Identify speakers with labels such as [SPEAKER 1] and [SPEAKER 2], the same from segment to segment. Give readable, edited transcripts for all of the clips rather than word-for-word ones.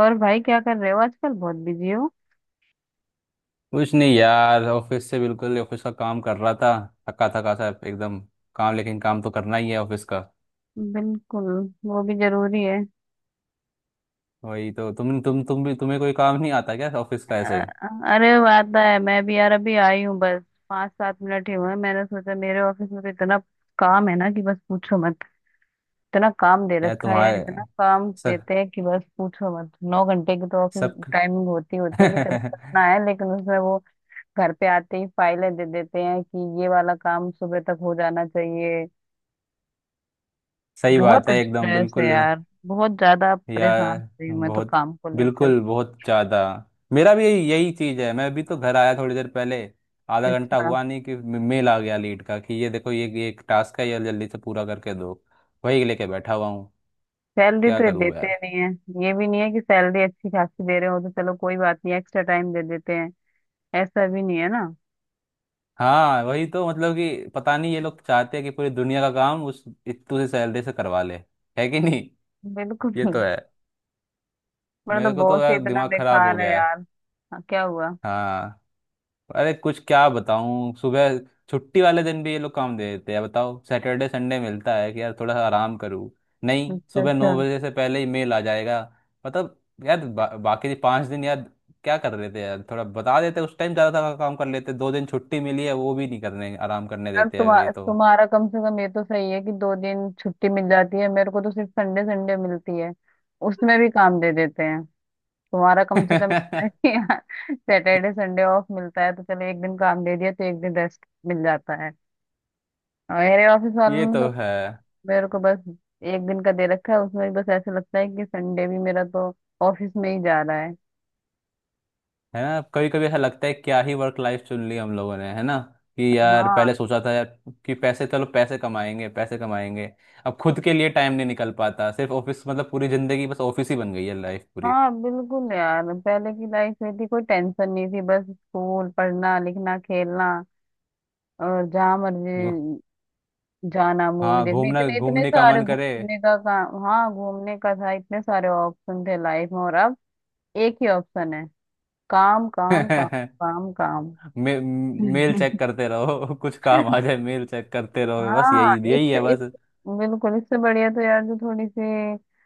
[SPEAKER 1] और भाई, क्या कर रहे हो आजकल? बहुत बिजी हो?
[SPEAKER 2] कुछ नहीं यार, ऑफिस से। बिल्कुल ऑफिस का काम कर रहा था। थका थका सा एकदम। काम, लेकिन काम तो करना ही है ऑफिस का।
[SPEAKER 1] बिल्कुल। वो भी जरूरी है।
[SPEAKER 2] वही तो। तुम भी, तुम्हें कोई काम नहीं आता क्या ऑफिस का ऐसे?
[SPEAKER 1] अ- अरे वो आता है, मैं भी यार अभी आई हूँ बस। 5-7 मिनट ही हुए हैं। मैंने सोचा मेरे ऑफिस में तो इतना काम है ना कि बस पूछो मत। इतना काम दे
[SPEAKER 2] यार
[SPEAKER 1] रखा है यार,
[SPEAKER 2] तुम्हारे
[SPEAKER 1] इतना काम
[SPEAKER 2] सब
[SPEAKER 1] देते हैं कि बस पूछो मत। 9 घंटे की तो ऑफिस
[SPEAKER 2] सब
[SPEAKER 1] टाइमिंग होती होती है कि चलो करना है, लेकिन उसमें वो घर पे आते ही फाइलें दे देते हैं कि ये वाला काम सुबह तक हो जाना चाहिए।
[SPEAKER 2] सही
[SPEAKER 1] बहुत
[SPEAKER 2] बात है एकदम,
[SPEAKER 1] स्ट्रेस है
[SPEAKER 2] बिल्कुल।
[SPEAKER 1] यार। बहुत ज्यादा
[SPEAKER 2] यार
[SPEAKER 1] परेशान हो रही हूँ मैं तो
[SPEAKER 2] बहुत,
[SPEAKER 1] काम को लेकर।
[SPEAKER 2] बिल्कुल बहुत ज़्यादा। मेरा भी यही चीज़ है। मैं अभी तो घर आया थोड़ी देर पहले। आधा घंटा
[SPEAKER 1] अच्छा।
[SPEAKER 2] हुआ नहीं कि मेल आ गया लीड का, कि ये देखो, ये एक टास्क है, ये जल्दी से पूरा करके दो। वही लेके बैठा हुआ हूँ।
[SPEAKER 1] सैलरी
[SPEAKER 2] क्या
[SPEAKER 1] तो ये
[SPEAKER 2] करूँ।
[SPEAKER 1] देते नहीं है। ये भी नहीं है कि सैलरी अच्छी खासी दे रहे हो तो चलो कोई बात नहीं, एक्स्ट्रा टाइम दे देते हैं। ऐसा भी नहीं है ना।
[SPEAKER 2] हाँ, वही तो। मतलब कि पता नहीं ये लोग चाहते हैं कि पूरी दुनिया का काम उस इतू सी सैलरी से करवा ले। है कि नहीं।
[SPEAKER 1] बिल्कुल
[SPEAKER 2] ये तो
[SPEAKER 1] नहीं।
[SPEAKER 2] है।
[SPEAKER 1] मेरा
[SPEAKER 2] मेरे
[SPEAKER 1] तो
[SPEAKER 2] को तो
[SPEAKER 1] बॉस ही
[SPEAKER 2] यार
[SPEAKER 1] इतना
[SPEAKER 2] दिमाग खराब हो
[SPEAKER 1] बेकार है
[SPEAKER 2] गया है।
[SPEAKER 1] यार। हाँ, क्या हुआ?
[SPEAKER 2] हाँ। अरे कुछ क्या बताऊँ। सुबह छुट्टी वाले दिन भी ये लोग काम दे देते हैं। बताओ, सैटरडे संडे मिलता है कि यार थोड़ा सा आराम करूँ, नहीं,
[SPEAKER 1] अच्छा,
[SPEAKER 2] सुबह
[SPEAKER 1] अच्छा।
[SPEAKER 2] 9 बजे से पहले ही मेल आ जाएगा। मतलब, यार बाकी 5 दिन यार क्या कर रहे थे? यार थोड़ा बता देते उस टाइम, ज़्यादा काम कर लेते। 2 दिन छुट्टी मिली है, वो भी नहीं करने, आराम करने
[SPEAKER 1] यार
[SPEAKER 2] देते हैं
[SPEAKER 1] तुम्हा,
[SPEAKER 2] ये तो।
[SPEAKER 1] तुम्हारा कम से कम ये तो सही है कि 2 दिन छुट्टी मिल जाती है। मेरे को तो सिर्फ संडे संडे मिलती है। उसमें भी काम दे देते हैं। तुम्हारा कम से कम सैटरडे संडे ऑफ मिलता है तो चलो एक दिन काम दे दिया तो एक दिन रेस्ट मिल जाता है। और मेरे ऑफिस
[SPEAKER 2] ये
[SPEAKER 1] वालों ने
[SPEAKER 2] तो
[SPEAKER 1] तो
[SPEAKER 2] है।
[SPEAKER 1] मेरे को बस एक दिन का दे रखा है। उसमें भी बस ऐसा लगता है कि संडे भी मेरा तो ऑफिस में ही जा रहा है।
[SPEAKER 2] है ना? कभी कभी ऐसा लगता है, क्या ही वर्क लाइफ चुन ली हम लोगों ने, है ना? कि यार
[SPEAKER 1] हाँ
[SPEAKER 2] पहले सोचा था यार कि पैसे, चलो पैसे कमाएंगे पैसे कमाएंगे। अब खुद के लिए टाइम नहीं निकल पाता, सिर्फ ऑफिस। मतलब पूरी जिंदगी बस ऑफिस ही बन गई है, लाइफ पूरी।
[SPEAKER 1] हाँ, बिल्कुल यार, पहले की लाइफ में थी कोई टेंशन नहीं थी, बस स्कूल, पढ़ना, लिखना, खेलना। और जहाँ
[SPEAKER 2] यो-
[SPEAKER 1] मर्जी जाना, मूवी
[SPEAKER 2] हाँ,
[SPEAKER 1] देखने,
[SPEAKER 2] घूमना,
[SPEAKER 1] इतने इतने
[SPEAKER 2] घूमने का
[SPEAKER 1] सारे
[SPEAKER 2] मन करे।
[SPEAKER 1] घूमने का काम, हाँ घूमने का था, इतने सारे ऑप्शन थे लाइफ में। और अब एक ही ऑप्शन है: काम, काम, काम, काम, काम।
[SPEAKER 2] मेल चेक करते रहो कुछ काम आ जाए, मेल चेक करते रहो, बस
[SPEAKER 1] हाँ,
[SPEAKER 2] यही यही है
[SPEAKER 1] इस
[SPEAKER 2] बस।
[SPEAKER 1] बिल्कुल इससे बढ़िया तो यार जो थोड़ी सी, अ,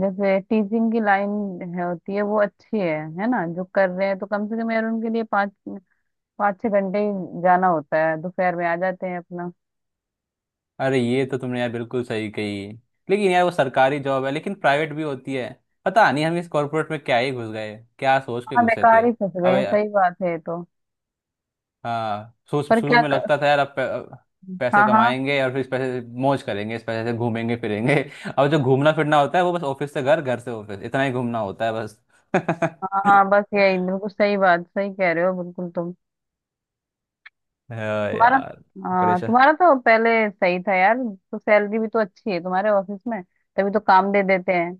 [SPEAKER 1] जैसे टीचिंग की लाइन है होती है, वो अच्छी है ना? जो कर रहे हैं तो कम से कम यार उनके लिए पाँच पाँच छह घंटे ही जाना होता है, दोपहर में आ जाते हैं अपना।
[SPEAKER 2] अरे ये तो तुमने यार बिल्कुल सही कही। लेकिन यार वो सरकारी जॉब है, लेकिन प्राइवेट भी होती है। पता नहीं हम इस कॉर्पोरेट में क्या ही घुस गए, क्या सोच के
[SPEAKER 1] हाँ,
[SPEAKER 2] घुसे थे।
[SPEAKER 1] बेकार ही फंस गए
[SPEAKER 2] अब
[SPEAKER 1] हैं,
[SPEAKER 2] या-
[SPEAKER 1] सही बात है ये तो।
[SPEAKER 2] हाँ, सोच,
[SPEAKER 1] पर
[SPEAKER 2] शुरू
[SPEAKER 1] क्या
[SPEAKER 2] में
[SPEAKER 1] कर...
[SPEAKER 2] लगता था यार, अब पैसे
[SPEAKER 1] हाँ, हाँ।
[SPEAKER 2] कमाएंगे और फिर इस पैसे से मौज करेंगे, इस पैसे से घूमेंगे फिरेंगे। अब जो घूमना फिरना होता है वो बस ऑफिस से घर, घर से ऑफिस, इतना ही घूमना होता है बस।
[SPEAKER 1] हाँ, हाँ, बस यही। बिल्कुल सही बात, सही कह रहे हो बिल्कुल तुम।
[SPEAKER 2] हाँ
[SPEAKER 1] तुम्हारा
[SPEAKER 2] यार,
[SPEAKER 1] हाँ,
[SPEAKER 2] परेशान।
[SPEAKER 1] तुम्हारा तो पहले सही था यार, तो सैलरी भी तो अच्छी है तुम्हारे ऑफिस में, तभी तो काम दे देते हैं।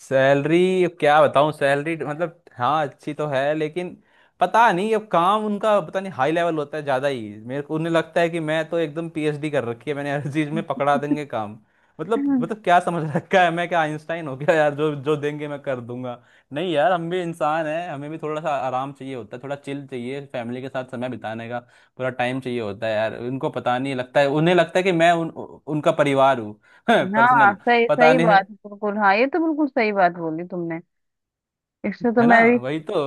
[SPEAKER 2] सैलरी, अब क्या बताऊं। सैलरी मतलब हाँ अच्छी तो है, लेकिन पता नहीं, अब काम उनका पता नहीं हाई लेवल होता है ज़्यादा ही। मेरे को, उन्हें लगता है कि मैं तो एकदम पीएचडी कर रखी है मैंने हर चीज़ में, पकड़ा देंगे काम। मतलब,
[SPEAKER 1] हम्म।
[SPEAKER 2] मतलब क्या समझ रखा है, मैं क्या आइंस्टाइन हो गया यार जो जो देंगे मैं कर दूंगा। नहीं यार, हम भी इंसान हैं, हमें भी थोड़ा सा आराम चाहिए होता है, थोड़ा चिल चाहिए, फैमिली के साथ समय बिताने का पूरा टाइम चाहिए होता है यार। उनको पता नहीं लगता है, उन्हें लगता है कि मैं उनका परिवार हूँ
[SPEAKER 1] हाँ,
[SPEAKER 2] पर्सनल।
[SPEAKER 1] सही
[SPEAKER 2] पता
[SPEAKER 1] सही
[SPEAKER 2] नहीं
[SPEAKER 1] बात है,
[SPEAKER 2] है।
[SPEAKER 1] बिल्कुल। हाँ, ये तो बिल्कुल सही बात बोली तुमने। इससे तो
[SPEAKER 2] है ना,
[SPEAKER 1] मैं भी,
[SPEAKER 2] वही तो।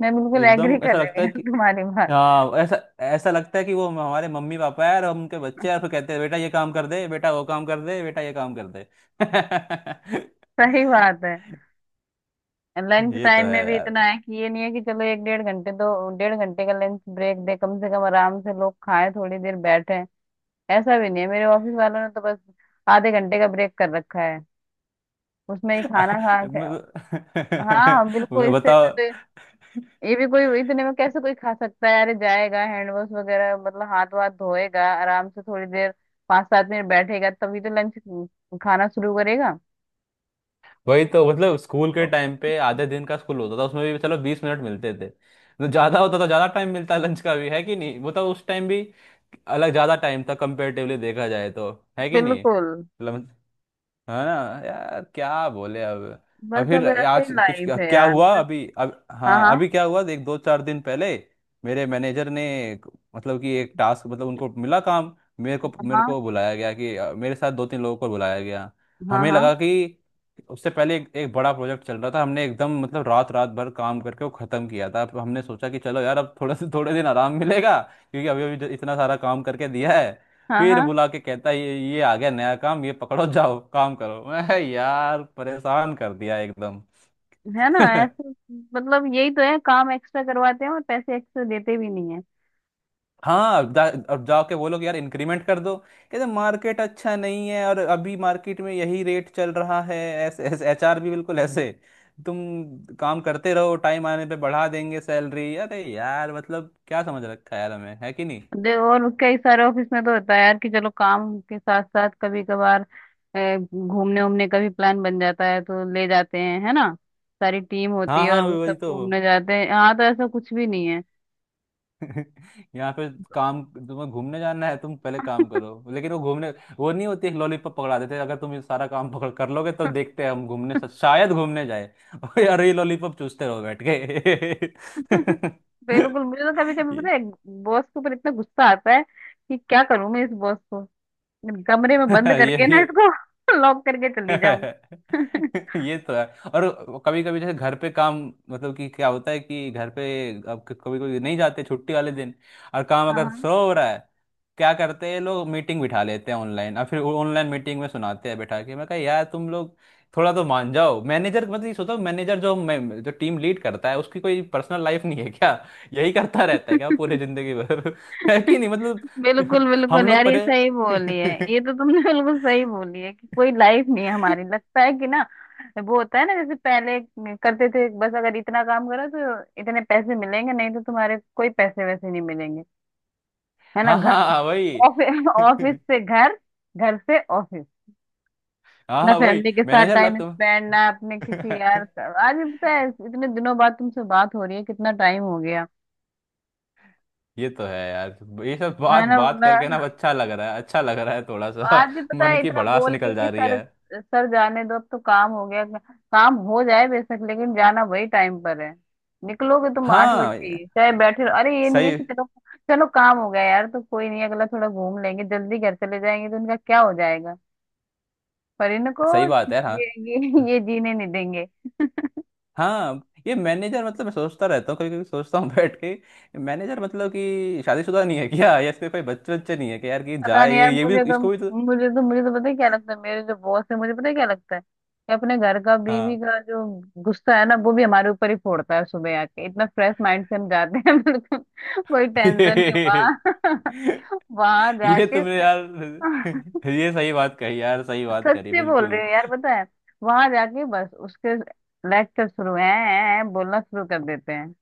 [SPEAKER 1] मैं बिल्कुल एग्री
[SPEAKER 2] एकदम
[SPEAKER 1] कर
[SPEAKER 2] ऐसा
[SPEAKER 1] रही हूँ
[SPEAKER 2] लगता है
[SPEAKER 1] यार
[SPEAKER 2] कि,
[SPEAKER 1] तुम्हारी बात।
[SPEAKER 2] हाँ, ऐसा ऐसा लगता है कि वो हमारे मम्मी पापा है और हम उनके बच्चे हैं, और फिर कहते हैं बेटा ये काम कर दे, बेटा वो काम कर दे, बेटा ये काम कर दे।
[SPEAKER 1] सही बात है। लंच
[SPEAKER 2] ये तो
[SPEAKER 1] टाइम
[SPEAKER 2] है
[SPEAKER 1] में भी इतना
[SPEAKER 2] यार।
[SPEAKER 1] है कि ये नहीं है कि चलो एक डेढ़ घंटे, तो डेढ़ घंटे का लंच ब्रेक दे, कम से कम आराम से लोग खाएं, थोड़ी देर बैठे। ऐसा भी नहीं है, मेरे ऑफिस वालों ने तो बस आधे घंटे का ब्रेक कर रखा है, उसमें ही खाना खा के।
[SPEAKER 2] मैं-
[SPEAKER 1] हाँ, बिल्कुल इससे अच्छा तो
[SPEAKER 2] बताओ।
[SPEAKER 1] ये भी कोई इतने में कैसे कोई खा सकता है यार। ये जाएगा हैंड वॉश वगैरह, मतलब हाथ वाथ धोएगा, आराम से थोड़ी देर 5-7 मिनट बैठेगा तभी तो लंच खाना शुरू करेगा।
[SPEAKER 2] वही तो। मतलब स्कूल के टाइम पे आधे दिन का स्कूल होता था, उसमें भी चलो 20 मिनट मिलते थे, तो ज्यादा होता तो ज्यादा टाइम मिलता लंच का भी, है कि नहीं? मतलब उस टाइम भी अलग, ज्यादा टाइम था कंपेरेटिवली देखा जाए तो। है कि नहीं
[SPEAKER 1] बिल्कुल।
[SPEAKER 2] मतलब। है ना? यार क्या बोले अब। अब
[SPEAKER 1] बस
[SPEAKER 2] फिर,
[SPEAKER 1] अब ऐसे
[SPEAKER 2] आज
[SPEAKER 1] ही
[SPEAKER 2] कुछ
[SPEAKER 1] लाइफ
[SPEAKER 2] क्या
[SPEAKER 1] है
[SPEAKER 2] क्या
[SPEAKER 1] यार।
[SPEAKER 2] हुआ अभी, अब
[SPEAKER 1] हाँ,
[SPEAKER 2] हाँ, अभी
[SPEAKER 1] हाँ,
[SPEAKER 2] क्या हुआ, देख, 2-4 दिन पहले मेरे मैनेजर ने एक- मतलब कि एक टास्क, मतलब उनको मिला काम, मेरे को मेरे
[SPEAKER 1] हाँ,
[SPEAKER 2] को बुलाया गया कि मेरे साथ 2-3 लोगों को बुलाया गया।
[SPEAKER 1] हाँ,
[SPEAKER 2] हमें
[SPEAKER 1] हाँ,
[SPEAKER 2] लगा कि, उससे पहले एक बड़ा प्रोजेक्ट चल रहा था, हमने एकदम मतलब रात रात भर काम करके वो खत्म किया था। अब हमने सोचा कि चलो यार अब थोड़ा से, थोड़े दिन आराम मिलेगा, क्योंकि अभी अभी जो इतना सारा काम करके दिया है।
[SPEAKER 1] हाँ,
[SPEAKER 2] फिर
[SPEAKER 1] हाँ।
[SPEAKER 2] बुला के कहता है, ये आ गया नया काम, ये पकड़ो, जाओ काम करो। मैं, यार परेशान कर दिया एकदम।
[SPEAKER 1] है ना? ऐसे मतलब यही तो है, काम एक्स्ट्रा करवाते हैं और पैसे एक्स्ट्रा देते भी नहीं है।
[SPEAKER 2] हाँ, अब जाओ के बोलो कि यार इंक्रीमेंट कर दो, कहते मार्केट अच्छा नहीं है और अभी मार्केट में यही रेट चल रहा है। ऐसे ऐसे एचआर भी बिल्कुल ऐसे, तुम काम करते रहो, टाइम आने पे बढ़ा देंगे सैलरी। अरे यार, मतलब क्या समझ रखा है यार हमें, है कि नहीं?
[SPEAKER 1] दे, और कई सारे ऑफिस में तो होता है यार कि चलो काम के साथ साथ कभी कभार घूमने उमने का भी प्लान बन जाता है तो ले जाते हैं, है ना? सारी टीम होती
[SPEAKER 2] हाँ
[SPEAKER 1] है और
[SPEAKER 2] हाँ
[SPEAKER 1] वो
[SPEAKER 2] वही
[SPEAKER 1] सब
[SPEAKER 2] तो।
[SPEAKER 1] घूमने जाते हैं, यहाँ तो ऐसा कुछ भी नहीं है।
[SPEAKER 2] यहाँ पे काम, तुम्हें घूमने जाना है तुम पहले काम करो, लेकिन वो घूमने, वो नहीं होती। एक लॉलीपॉप पकड़ा देते हैं, अगर तुम ये सारा काम पकड़ कर लोगे तो देखते हैं हम घूमने, शायद घूमने जाए और यार ये लॉलीपॉप चूसते रहो बैठ के।
[SPEAKER 1] बिल्कुल, मुझे तो कभी कभी पता
[SPEAKER 2] ये
[SPEAKER 1] है बॉस के ऊपर इतना गुस्सा आता है कि क्या करूं मैं इस बॉस को, कमरे में बंद
[SPEAKER 2] ये
[SPEAKER 1] करके
[SPEAKER 2] ये
[SPEAKER 1] ना इसको लॉक करके चली जाऊं।
[SPEAKER 2] ये तो है। और कभी कभी जैसे घर पे काम, मतलब कि क्या होता है कि घर पे, अब कभी कभी नहीं जाते छुट्टी वाले दिन, और काम अगर
[SPEAKER 1] हाँ,
[SPEAKER 2] स्लो हो रहा है, क्या करते हैं लोग, मीटिंग बिठा लेते हैं ऑनलाइन, और फिर ऑनलाइन मीटिंग में सुनाते हैं बैठा के। मैं कहा यार तुम लोग थोड़ा तो मान जाओ, मैनेजर मतलब ये सोचो, मैनेजर जो मैं, जो टीम लीड करता है, उसकी कोई पर्सनल लाइफ नहीं है क्या? यही करता रहता है क्या पूरे जिंदगी भर? है कि नहीं मतलब।
[SPEAKER 1] बिल्कुल
[SPEAKER 2] हम
[SPEAKER 1] बिल्कुल
[SPEAKER 2] लोग
[SPEAKER 1] यार, ये
[SPEAKER 2] परे।
[SPEAKER 1] सही बोली है ये तो तुमने, बिल्कुल सही बोली है कि कोई लाइफ नहीं है हमारी, लगता है कि ना वो होता है ना, जैसे पहले करते थे, बस अगर इतना काम करो तो इतने पैसे मिलेंगे, नहीं तो तुम्हारे कोई पैसे वैसे नहीं मिलेंगे। है ना?
[SPEAKER 2] हाँ
[SPEAKER 1] घर
[SPEAKER 2] हाँ वही।
[SPEAKER 1] ऑफिस, ऑफिस
[SPEAKER 2] हाँ
[SPEAKER 1] से घर, घर से ऑफिस, ना
[SPEAKER 2] हाँ, वही
[SPEAKER 1] फैमिली के साथ
[SPEAKER 2] मैनेजर लग
[SPEAKER 1] टाइम
[SPEAKER 2] तुम।
[SPEAKER 1] स्पेंड, ना अपने आज भी पता है, इतने दिनों बाद तुमसे बात हो रही है, कितना टाइम हो गया।
[SPEAKER 2] ये तो है यार। ये सब
[SPEAKER 1] है
[SPEAKER 2] बात
[SPEAKER 1] ना?
[SPEAKER 2] बात
[SPEAKER 1] बोला,
[SPEAKER 2] करके ना अब अच्छा लग रहा है, अच्छा लग रहा है थोड़ा सा,
[SPEAKER 1] आज भी पता
[SPEAKER 2] मन
[SPEAKER 1] है,
[SPEAKER 2] की
[SPEAKER 1] इतना
[SPEAKER 2] भड़ास
[SPEAKER 1] बोल के
[SPEAKER 2] निकल
[SPEAKER 1] कि
[SPEAKER 2] जा रही
[SPEAKER 1] सर,
[SPEAKER 2] है।
[SPEAKER 1] सर जाने दो, अब तो काम हो गया, काम हो जाए बेशक लेकिन जाना वही टाइम पर है। निकलोगे तुम 8 बजे ही,
[SPEAKER 2] हाँ
[SPEAKER 1] चाहे बैठे रहो। अरे ये नहीं है
[SPEAKER 2] सही,
[SPEAKER 1] कि चलो, चलो काम हो गया यार तो कोई नहीं, अगला थोड़ा घूम लेंगे, जल्दी घर चले जाएंगे, तो इनका क्या हो जाएगा? पर इनको,
[SPEAKER 2] सही बात है। हाँ
[SPEAKER 1] ये जीने नहीं देंगे।
[SPEAKER 2] हाँ। ये मैनेजर, मतलब मैं सोचता रहता हूँ, कभी कभी सोचता हूँ बैठ के, मैनेजर मतलब कि शादीशुदा नहीं है क्या, या इसके कोई बच्चे बच्चे नहीं है कि यार कि
[SPEAKER 1] पता
[SPEAKER 2] जाए
[SPEAKER 1] नहीं यार
[SPEAKER 2] ये भी,
[SPEAKER 1] मुझे तो
[SPEAKER 2] इसको भी तो।
[SPEAKER 1] मुझे तो मुझे तो पता है क्या लगता है, मेरे जो बॉस है, मुझे पता है क्या लगता है कि अपने घर का, बीवी
[SPEAKER 2] हाँ
[SPEAKER 1] का जो गुस्सा है ना, वो भी हमारे ऊपर ही फोड़ता है। सुबह आके इतना फ्रेश माइंड से हम जाते हैं, बिल्कुल कोई टेंशन नहीं हुआ, वहां
[SPEAKER 2] ये
[SPEAKER 1] जाके,
[SPEAKER 2] तुमने यार ये सही बात कही यार, सही बात करी
[SPEAKER 1] सच्ची बोल रही
[SPEAKER 2] बिल्कुल।
[SPEAKER 1] हूँ यार, पता है वहां जाके बस उसके लेक्चर शुरू है, बोलना शुरू कर देते हैं।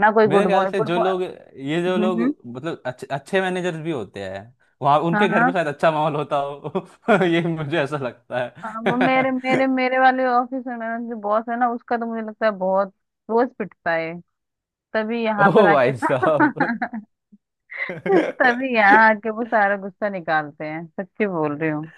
[SPEAKER 1] ना कोई
[SPEAKER 2] मेरे
[SPEAKER 1] गुड
[SPEAKER 2] ख्याल
[SPEAKER 1] मॉर्निंग,
[SPEAKER 2] से
[SPEAKER 1] गुड
[SPEAKER 2] जो लोग, ये जो लोग,
[SPEAKER 1] मॉर्निंग।
[SPEAKER 2] मतलब अच्छे अच्छे मैनेजर्स भी होते हैं, वहाँ
[SPEAKER 1] हाँ,
[SPEAKER 2] उनके घर में
[SPEAKER 1] हाँ।
[SPEAKER 2] शायद अच्छा माहौल होता हो। ये मुझे ऐसा लगता
[SPEAKER 1] हाँ, वो मेरे
[SPEAKER 2] है।
[SPEAKER 1] मेरे मेरे वाले ऑफिस में मेरा जो बॉस है ना, उसका तो मुझे लगता है बहुत रोज पिटता है, तभी यहाँ पर
[SPEAKER 2] ओ
[SPEAKER 1] आके,
[SPEAKER 2] भाई साहब।
[SPEAKER 1] तभी यहाँ आके वो सारा गुस्सा निकालते हैं, सच्ची बोल रही हूँ।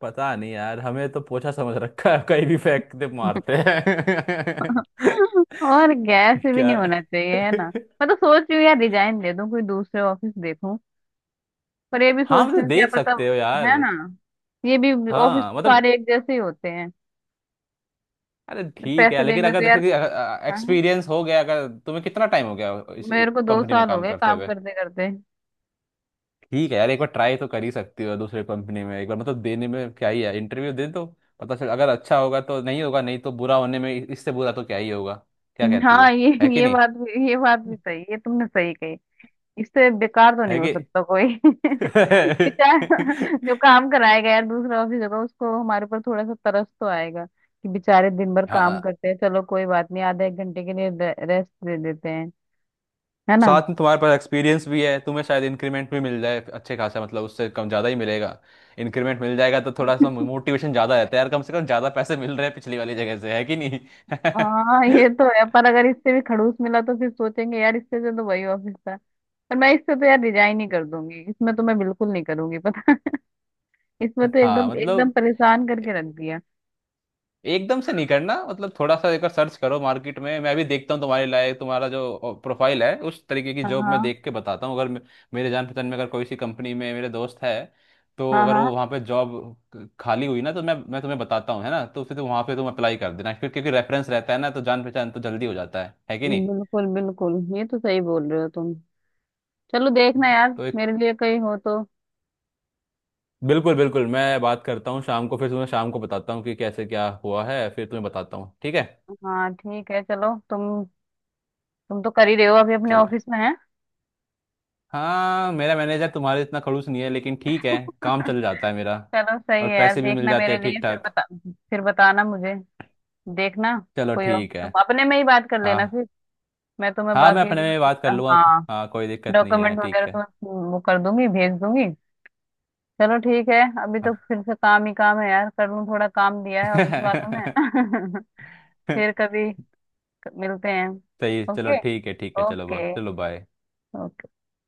[SPEAKER 2] पता नहीं यार, हमें तो पोछा समझ रखा है, कहीं भी फेंक दे मारते हैं।
[SPEAKER 1] और गैस भी
[SPEAKER 2] क्या।
[SPEAKER 1] नहीं होना चाहिए, है ना? मैं तो सोच रही हूँ यार रिजाइन दे दूँ, कोई दूसरे ऑफिस देखूँ। पर ये भी
[SPEAKER 2] हाँ
[SPEAKER 1] सोचती
[SPEAKER 2] मतलब,
[SPEAKER 1] हूँ क्या
[SPEAKER 2] देख
[SPEAKER 1] पता,
[SPEAKER 2] सकते हो यार।
[SPEAKER 1] है ना? ये भी ऑफिस
[SPEAKER 2] हाँ
[SPEAKER 1] तो
[SPEAKER 2] मतलब,
[SPEAKER 1] सारे एक जैसे ही होते हैं।
[SPEAKER 2] अरे ठीक है,
[SPEAKER 1] पैसे
[SPEAKER 2] लेकिन
[SPEAKER 1] देंगे
[SPEAKER 2] अगर
[SPEAKER 1] तो
[SPEAKER 2] जैसे
[SPEAKER 1] यार।
[SPEAKER 2] कि
[SPEAKER 1] हाँ,
[SPEAKER 2] एक्सपीरियंस हो गया, अगर तुम्हें कितना टाइम हो गया इस
[SPEAKER 1] मेरे को दो
[SPEAKER 2] कंपनी में
[SPEAKER 1] साल हो
[SPEAKER 2] काम
[SPEAKER 1] गए
[SPEAKER 2] करते
[SPEAKER 1] काम
[SPEAKER 2] हुए।
[SPEAKER 1] करते करते।
[SPEAKER 2] ठीक है यार, एक बार ट्राई तो कर ही सकती हो दूसरे कंपनी में, एक बार मतलब देने में क्या ही है, इंटरव्यू दे दो, पता चल, अगर अच्छा होगा तो, नहीं होगा नहीं तो, बुरा होने में इससे बुरा तो क्या ही होगा। क्या कहती
[SPEAKER 1] हाँ,
[SPEAKER 2] हो?
[SPEAKER 1] ये
[SPEAKER 2] है कि
[SPEAKER 1] ये
[SPEAKER 2] नहीं?
[SPEAKER 1] बात भी ये बात भी सही, ये तुमने सही कही। इससे बेकार तो नहीं
[SPEAKER 2] है
[SPEAKER 1] हो
[SPEAKER 2] कि।
[SPEAKER 1] सकता कोई। बेचारा जो काम कराएगा यार, दूसरा ऑफिस होगा, उसको हमारे ऊपर थोड़ा सा तरस तो आएगा कि बेचारे दिन भर काम
[SPEAKER 2] हाँ,
[SPEAKER 1] करते हैं, चलो कोई बात नहीं, आधे एक घंटे के लिए रेस्ट दे देते हैं, है ना?
[SPEAKER 2] साथ में तुम्हारे पास एक्सपीरियंस भी है, तुम्हें शायद इंक्रीमेंट भी मिल जाए अच्छे खासा, मतलब उससे कम ज़्यादा ही मिलेगा। इंक्रीमेंट मिल जाएगा तो थोड़ा सा मोटिवेशन ज़्यादा रहता है यार, कम से कम ज़्यादा पैसे मिल रहे हैं पिछली वाली जगह से, है कि नहीं?
[SPEAKER 1] हाँ ये तो है, पर अगर इससे भी खड़ूस मिला तो फिर सोचेंगे यार, इससे जो तो वही ऑफिस था, पर मैं इससे तो यार रिजाइन ही कर दूंगी, इसमें तो मैं बिल्कुल नहीं करूंगी पता, इसमें तो
[SPEAKER 2] हाँ
[SPEAKER 1] एकदम एकदम
[SPEAKER 2] मतलब,
[SPEAKER 1] परेशान करके रख दिया।
[SPEAKER 2] एकदम से नहीं करना, मतलब थोड़ा सा एक सर्च करो मार्केट में, मैं भी देखता हूँ तुम्हारे लायक, तुम्हारा जो प्रोफाइल है उस तरीके की
[SPEAKER 1] हाँ,
[SPEAKER 2] जॉब, मैं
[SPEAKER 1] हाँ,
[SPEAKER 2] देख के बताता हूँ। अगर मेरे जान पहचान में अगर कोई सी कंपनी में मेरे दोस्त है, तो
[SPEAKER 1] हाँ,
[SPEAKER 2] अगर वो
[SPEAKER 1] हाँ।
[SPEAKER 2] वहाँ पे जॉब खाली हुई ना, तो मैं तुम्हें बताता हूँ, है ना? तो फिर तुम वहाँ पे तुम अप्लाई कर देना फिर, क्योंकि रेफरेंस रहता है ना, तो जान पहचान तो जल्दी हो जाता है कि नहीं?
[SPEAKER 1] बिल्कुल, बिल्कुल ये तो सही बोल रहे हो तुम, चलो देखना यार
[SPEAKER 2] तो एक,
[SPEAKER 1] मेरे लिए कहीं हो तो।
[SPEAKER 2] बिल्कुल बिल्कुल, मैं बात करता हूँ शाम को, फिर तुम्हें शाम को बताता हूँ कि कैसे क्या हुआ है, फिर तुम्हें बताता हूँ, ठीक है?
[SPEAKER 1] हाँ ठीक है चलो, तुम तो कर ही रहे हो अभी अपने
[SPEAKER 2] चलो।
[SPEAKER 1] ऑफिस में है।
[SPEAKER 2] हाँ मेरा मैनेजर तुम्हारे इतना खड़ूस नहीं है, लेकिन ठीक है, काम चल जाता है मेरा,
[SPEAKER 1] चलो सही
[SPEAKER 2] और
[SPEAKER 1] है यार,
[SPEAKER 2] पैसे भी मिल
[SPEAKER 1] देखना
[SPEAKER 2] जाते
[SPEAKER 1] मेरे
[SPEAKER 2] हैं
[SPEAKER 1] लिए
[SPEAKER 2] ठीक
[SPEAKER 1] फिर
[SPEAKER 2] ठाक।
[SPEAKER 1] बता, फिर बताना मुझे, देखना।
[SPEAKER 2] चलो
[SPEAKER 1] कोई और
[SPEAKER 2] ठीक है।
[SPEAKER 1] तुम अपने में ही बात कर
[SPEAKER 2] हाँ।
[SPEAKER 1] लेना फिर, मैं तुम्हें
[SPEAKER 2] हाँ मैं
[SPEAKER 1] बाकी
[SPEAKER 2] अपने में
[SPEAKER 1] जो,
[SPEAKER 2] बात कर लूँगा,
[SPEAKER 1] हाँ
[SPEAKER 2] हाँ कोई दिक्कत नहीं है,
[SPEAKER 1] डॉक्यूमेंट वगैरह
[SPEAKER 2] ठीक है।
[SPEAKER 1] तुम्हें वो कर दूंगी, भेज दूंगी। चलो ठीक है, अभी तो
[SPEAKER 2] अब-
[SPEAKER 1] फिर से काम ही काम है यार, कर लूँ थोड़ा, काम दिया है ऑफिस वालों ने। फिर कभी मिलते हैं।
[SPEAKER 2] सही, चलो
[SPEAKER 1] ओके।
[SPEAKER 2] ठीक है, ठीक है, चलो
[SPEAKER 1] ओके।
[SPEAKER 2] चलो बाय।
[SPEAKER 1] ओके।